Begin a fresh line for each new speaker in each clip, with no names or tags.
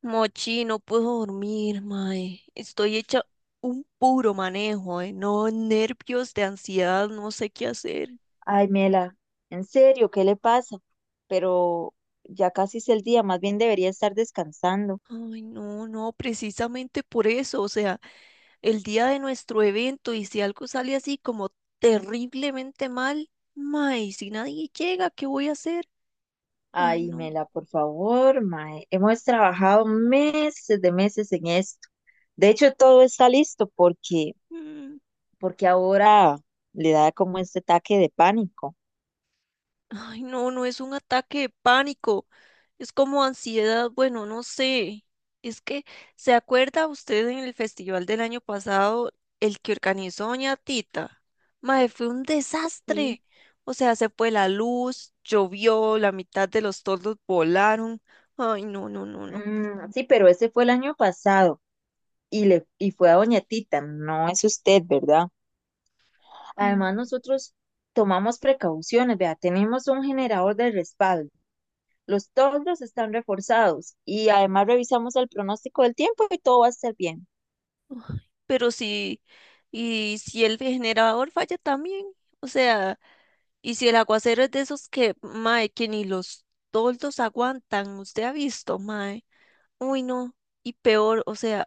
Mochi, no puedo dormir, mae. Estoy hecha un puro manejo, No, nervios de ansiedad, no sé qué hacer.
Ay, Mela, en serio, ¿qué le pasa? Pero ya casi es el día, más bien debería estar descansando.
Ay, no, no, precisamente por eso, o sea, el día de nuestro evento. Y si algo sale así como terriblemente mal, mae, si nadie llega, ¿qué voy a hacer? Ay,
Ay,
no.
Mela, por favor, mae, hemos trabajado meses de meses en esto. De hecho, todo está listo porque,
Mm.
porque ahora le da como este ataque de pánico.
Ay, no, no es un ataque de pánico. Es como ansiedad, bueno, no sé. Es que, ¿se acuerda usted en el festival del año pasado, el que organizó Doña Tita? Mae, fue un
Sí.
desastre. O sea, se fue la luz, llovió, la mitad de los toldos volaron. Ay, no, no, no, no.
Sí, pero ese fue el año pasado y fue a Doña Tita, no es usted, ¿verdad? Además,
Mm.
nosotros tomamos precauciones, vea, tenemos un generador de respaldo. Los toldos están reforzados y además revisamos el pronóstico del tiempo y todo va a estar bien.
Ay, pero si, y si el generador falla también, o sea, y si el aguacero es de esos que, mae, que ni los toldos aguantan, usted ha visto, mae. Uy, no. Y peor, o sea,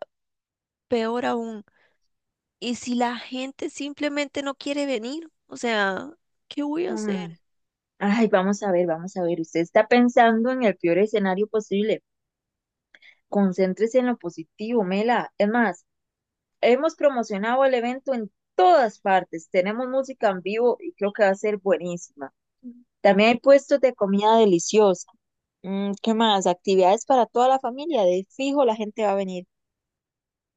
peor aún. ¿Y si la gente simplemente no quiere venir? O sea, ¿qué voy a hacer?
Mm, Ay, vamos a ver, vamos a ver. Usted está pensando en el peor escenario posible. Concéntrese en lo positivo, Mela. Es más, hemos promocionado el evento en todas partes. Tenemos música en vivo y creo que va a ser buenísima. También hay puestos de comida deliciosa. ¿Qué más? Actividades para toda la familia. De fijo, la gente va a venir.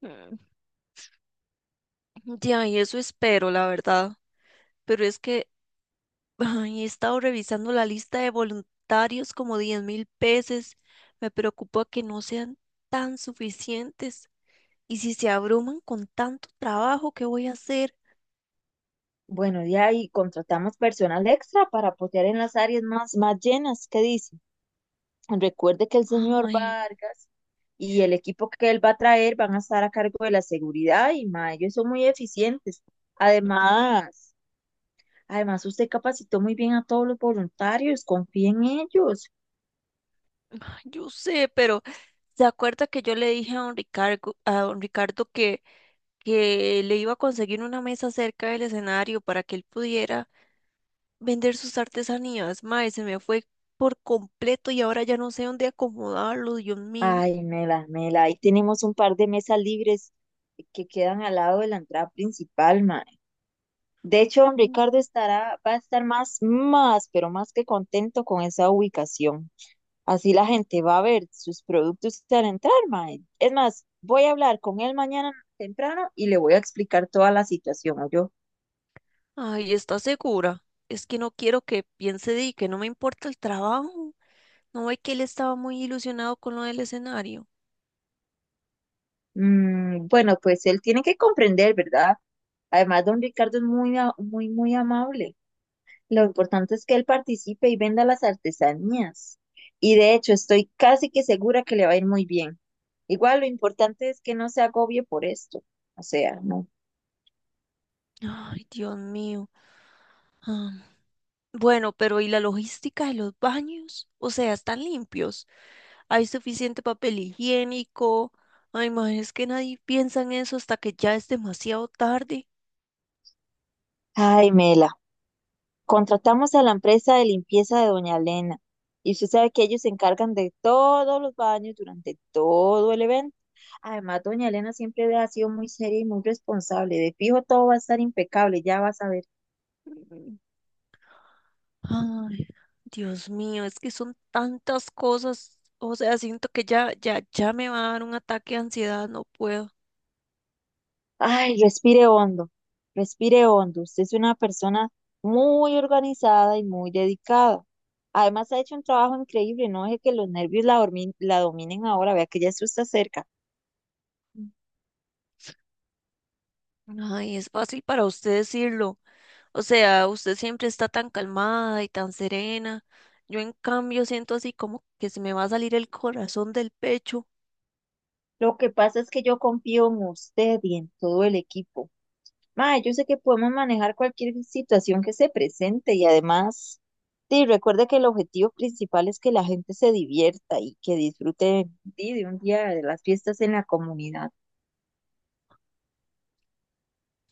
Mm. Ya, y eso espero, la verdad. Pero es que ay, he estado revisando la lista de voluntarios como 10,000 veces. Me preocupa que no sean tan suficientes. Y si se abruman con tanto trabajo, ¿qué voy a hacer?
Bueno, ya ahí contratamos personal extra para apoyar en las áreas más llenas. ¿Qué dice? Recuerde que el señor
Ay,
Vargas y el equipo que él va a traer van a estar a cargo de la seguridad y ma, ellos son muy eficientes. Además, además, usted capacitó muy bien a todos los voluntarios, confíe en ellos.
ay, yo sé, pero ¿se acuerda que yo le dije a don Ricardo que le iba a conseguir una mesa cerca del escenario para que él pudiera vender sus artesanías. Mae, se me fue por completo y ahora ya no sé dónde acomodarlo, Dios mío.
Ay, Mela, ahí tenemos un par de mesas libres que quedan al lado de la entrada principal, ma. De hecho,
Mm.
Va a estar más que contento con esa ubicación. Así la gente va a ver sus productos al entrar, mae. Es más, voy a hablar con él mañana temprano y le voy a explicar toda la situación, yo.
Ay, ¿está segura? Es que no quiero que piense de que no me importa el trabajo. No ve que él estaba muy ilusionado con lo del escenario.
Mm, bueno, pues él tiene que comprender, ¿verdad? Además, don Ricardo es muy, muy amable. Lo importante es que él participe y venda las artesanías. Y de hecho, estoy casi que segura que le va a ir muy bien. Igual, lo importante es que no se agobie por esto. O sea, no.
Ay, Dios mío. Ah, bueno, pero ¿y la logística de los baños? O sea, ¿están limpios? ¿Hay suficiente papel higiénico? Ay, ma, es que nadie piensa en eso hasta que ya es demasiado tarde.
Ay, Mela, contratamos a la empresa de limpieza de Doña Elena. Y usted sabe que ellos se encargan de todos los baños durante todo el evento. Además, Doña Elena siempre ha sido muy seria y muy responsable. De fijo, todo va a estar impecable, ya vas a ver.
Mm. Ay, Dios mío, es que son tantas cosas. O sea, siento que ya, ya, ya me va a dar un ataque de ansiedad, no puedo.
Ay, respire hondo. Usted es una persona muy organizada y muy dedicada. Además, ha hecho un trabajo increíble. No deje que los nervios la dominen ahora. Vea que ya eso está cerca.
Ay, es fácil para usted decirlo. O sea, usted siempre está tan calmada y tan serena. Yo en cambio siento así como que se me va a salir el corazón del pecho.
Lo que pasa es que yo confío en usted y en todo el equipo. Ma, yo sé que podemos manejar cualquier situación que se presente y además, sí, recuerde que el objetivo principal es que la gente se divierta y que disfrute, sí, de un día de las fiestas en la comunidad.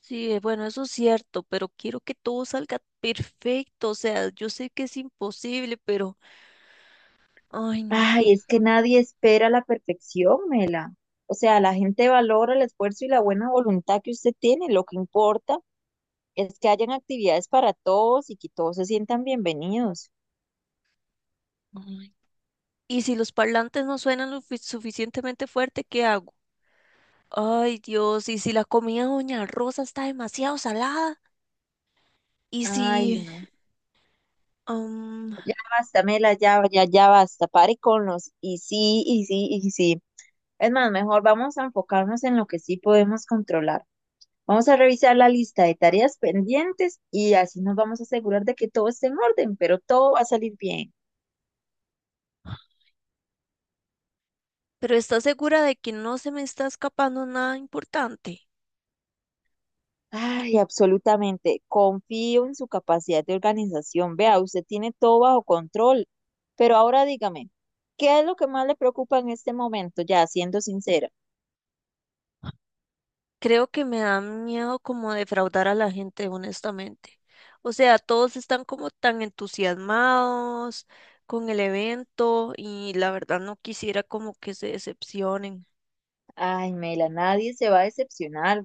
Sí, bueno, eso es cierto, pero quiero que todo salga perfecto. O sea, yo sé que es imposible, pero... Ay, no.
Ay, es que nadie espera la perfección, Mela. O sea, la gente valora el esfuerzo y la buena voluntad que usted tiene. Lo que importa es que hayan actividades para todos y que todos se sientan bienvenidos.
Ay. ¿Y si los parlantes no suenan lo suficientemente fuerte, qué hago? Ay, Dios, ¿y si la comida de Doña Rosa está demasiado salada? ¿Y
Ay,
si...
no.
am,
Ya basta, Mela, ya basta. Pare con los y sí, y sí, y sí. Es más, mejor vamos a enfocarnos en lo que sí podemos controlar. Vamos a revisar la lista de tareas pendientes y así nos vamos a asegurar de que todo esté en orden, pero todo va a salir bien.
pero ¿estás segura de que no se me está escapando nada importante?
Ay, absolutamente. Confío en su capacidad de organización. Vea, usted tiene todo bajo control. Pero ahora dígame, ¿qué es lo que más le preocupa en este momento? Ya, siendo sincera.
Creo que me da miedo como defraudar a la gente, honestamente. O sea, todos están como tan entusiasmados con el evento y la verdad no quisiera como que se decepcionen.
Ay, Mela, nadie se va a decepcionar.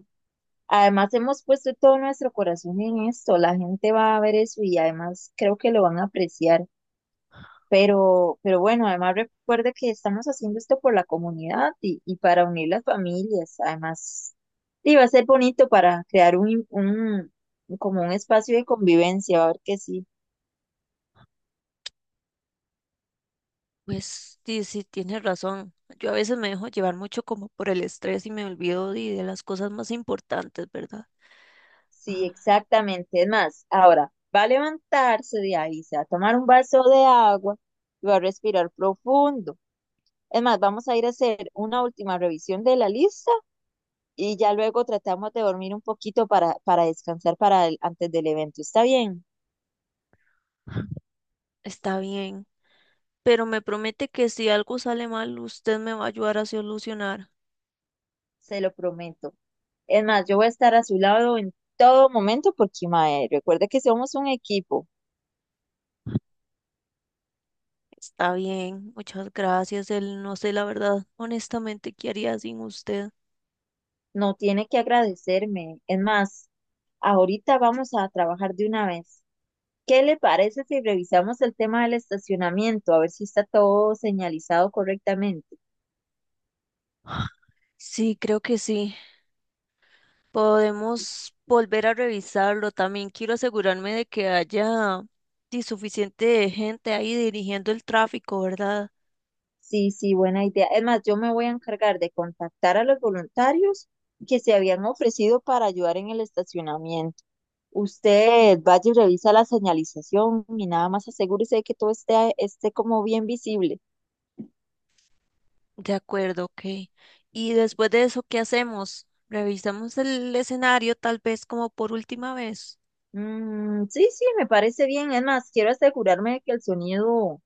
Además, hemos puesto todo nuestro corazón en esto. La gente va a ver eso y además creo que lo van a apreciar. Pero bueno, además recuerde que estamos haciendo esto por la comunidad y para unir las familias. Además, y va a ser bonito para crear un como un espacio de convivencia. Va a ver que sí,
Pues sí, sí, tienes razón. Yo a veces me dejo llevar mucho como por el estrés y me olvido de las cosas más importantes, ¿verdad?
sí,
Ah.
exactamente. Es más, ahora va a levantarse de ahí, se va a tomar un vaso de agua y va a respirar profundo. Es más, vamos a ir a hacer una última revisión de la lista y ya luego tratamos de dormir un poquito para descansar antes del evento. ¿Está bien?
Está bien, pero me promete que si algo sale mal, usted me va a ayudar a solucionar.
Se lo prometo. Es más, yo voy a estar a su lado en todo momento porque, mae, recuerde que somos un equipo.
Está bien, muchas gracias. Él no sé la verdad, honestamente, qué haría sin usted.
No tiene que agradecerme. Es más, ahorita vamos a trabajar de una vez. ¿Qué le parece si revisamos el tema del estacionamiento? A ver si está todo señalizado correctamente.
Sí, creo que sí. Podemos volver a revisarlo. También quiero asegurarme de que haya sí, suficiente gente ahí dirigiendo el tráfico, ¿verdad?
Sí, sí, buena idea. Es más, yo me voy a encargar de contactar a los voluntarios que se habían ofrecido para ayudar en el estacionamiento. Usted vaya y revisa la señalización y nada más asegúrese de que todo esté como bien visible.
De acuerdo, ok. Y después de eso, ¿qué hacemos? ¿Revisamos el escenario tal vez como por última vez?
Mm, sí, sí, me parece bien. Es más, quiero asegurarme de que el sonido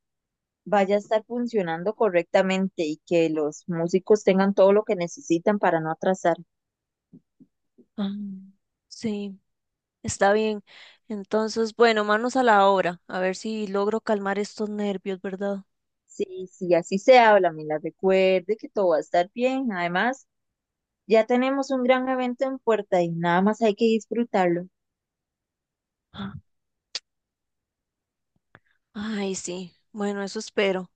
vaya a estar funcionando correctamente y que los músicos tengan todo lo que necesitan para no atrasar.
Ah, sí. Está bien. Entonces, bueno, manos a la obra, a ver si logro calmar estos nervios, ¿verdad?
Sí, sí, así se habla, me la recuerde que todo va a estar bien. Además, ya tenemos un gran evento en puerta y nada más hay que disfrutarlo.
Ah. Ay, sí. Bueno, eso espero.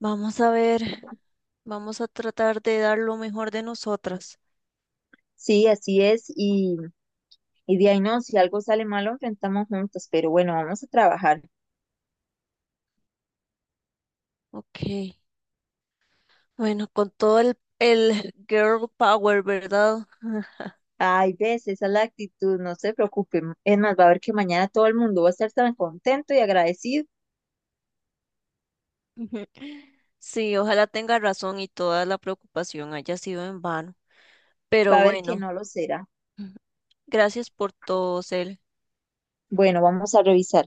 Vamos a ver, vamos a tratar de dar lo mejor de nosotras.
Sí, así es. Y de ahí no, si algo sale mal, lo enfrentamos juntos. Pero bueno, vamos a trabajar.
Ok. Bueno, con todo el girl power, ¿verdad?
Ay, ves, esa es la actitud, no se preocupen. Es más, va a ver que mañana todo el mundo va a estar tan contento y agradecido.
Ujú. Sí, ojalá tenga razón y toda la preocupación haya sido en vano.
Va
Pero
a ver que
bueno,
no lo será.
gracias por todo, Cel.
Bueno, vamos a revisar.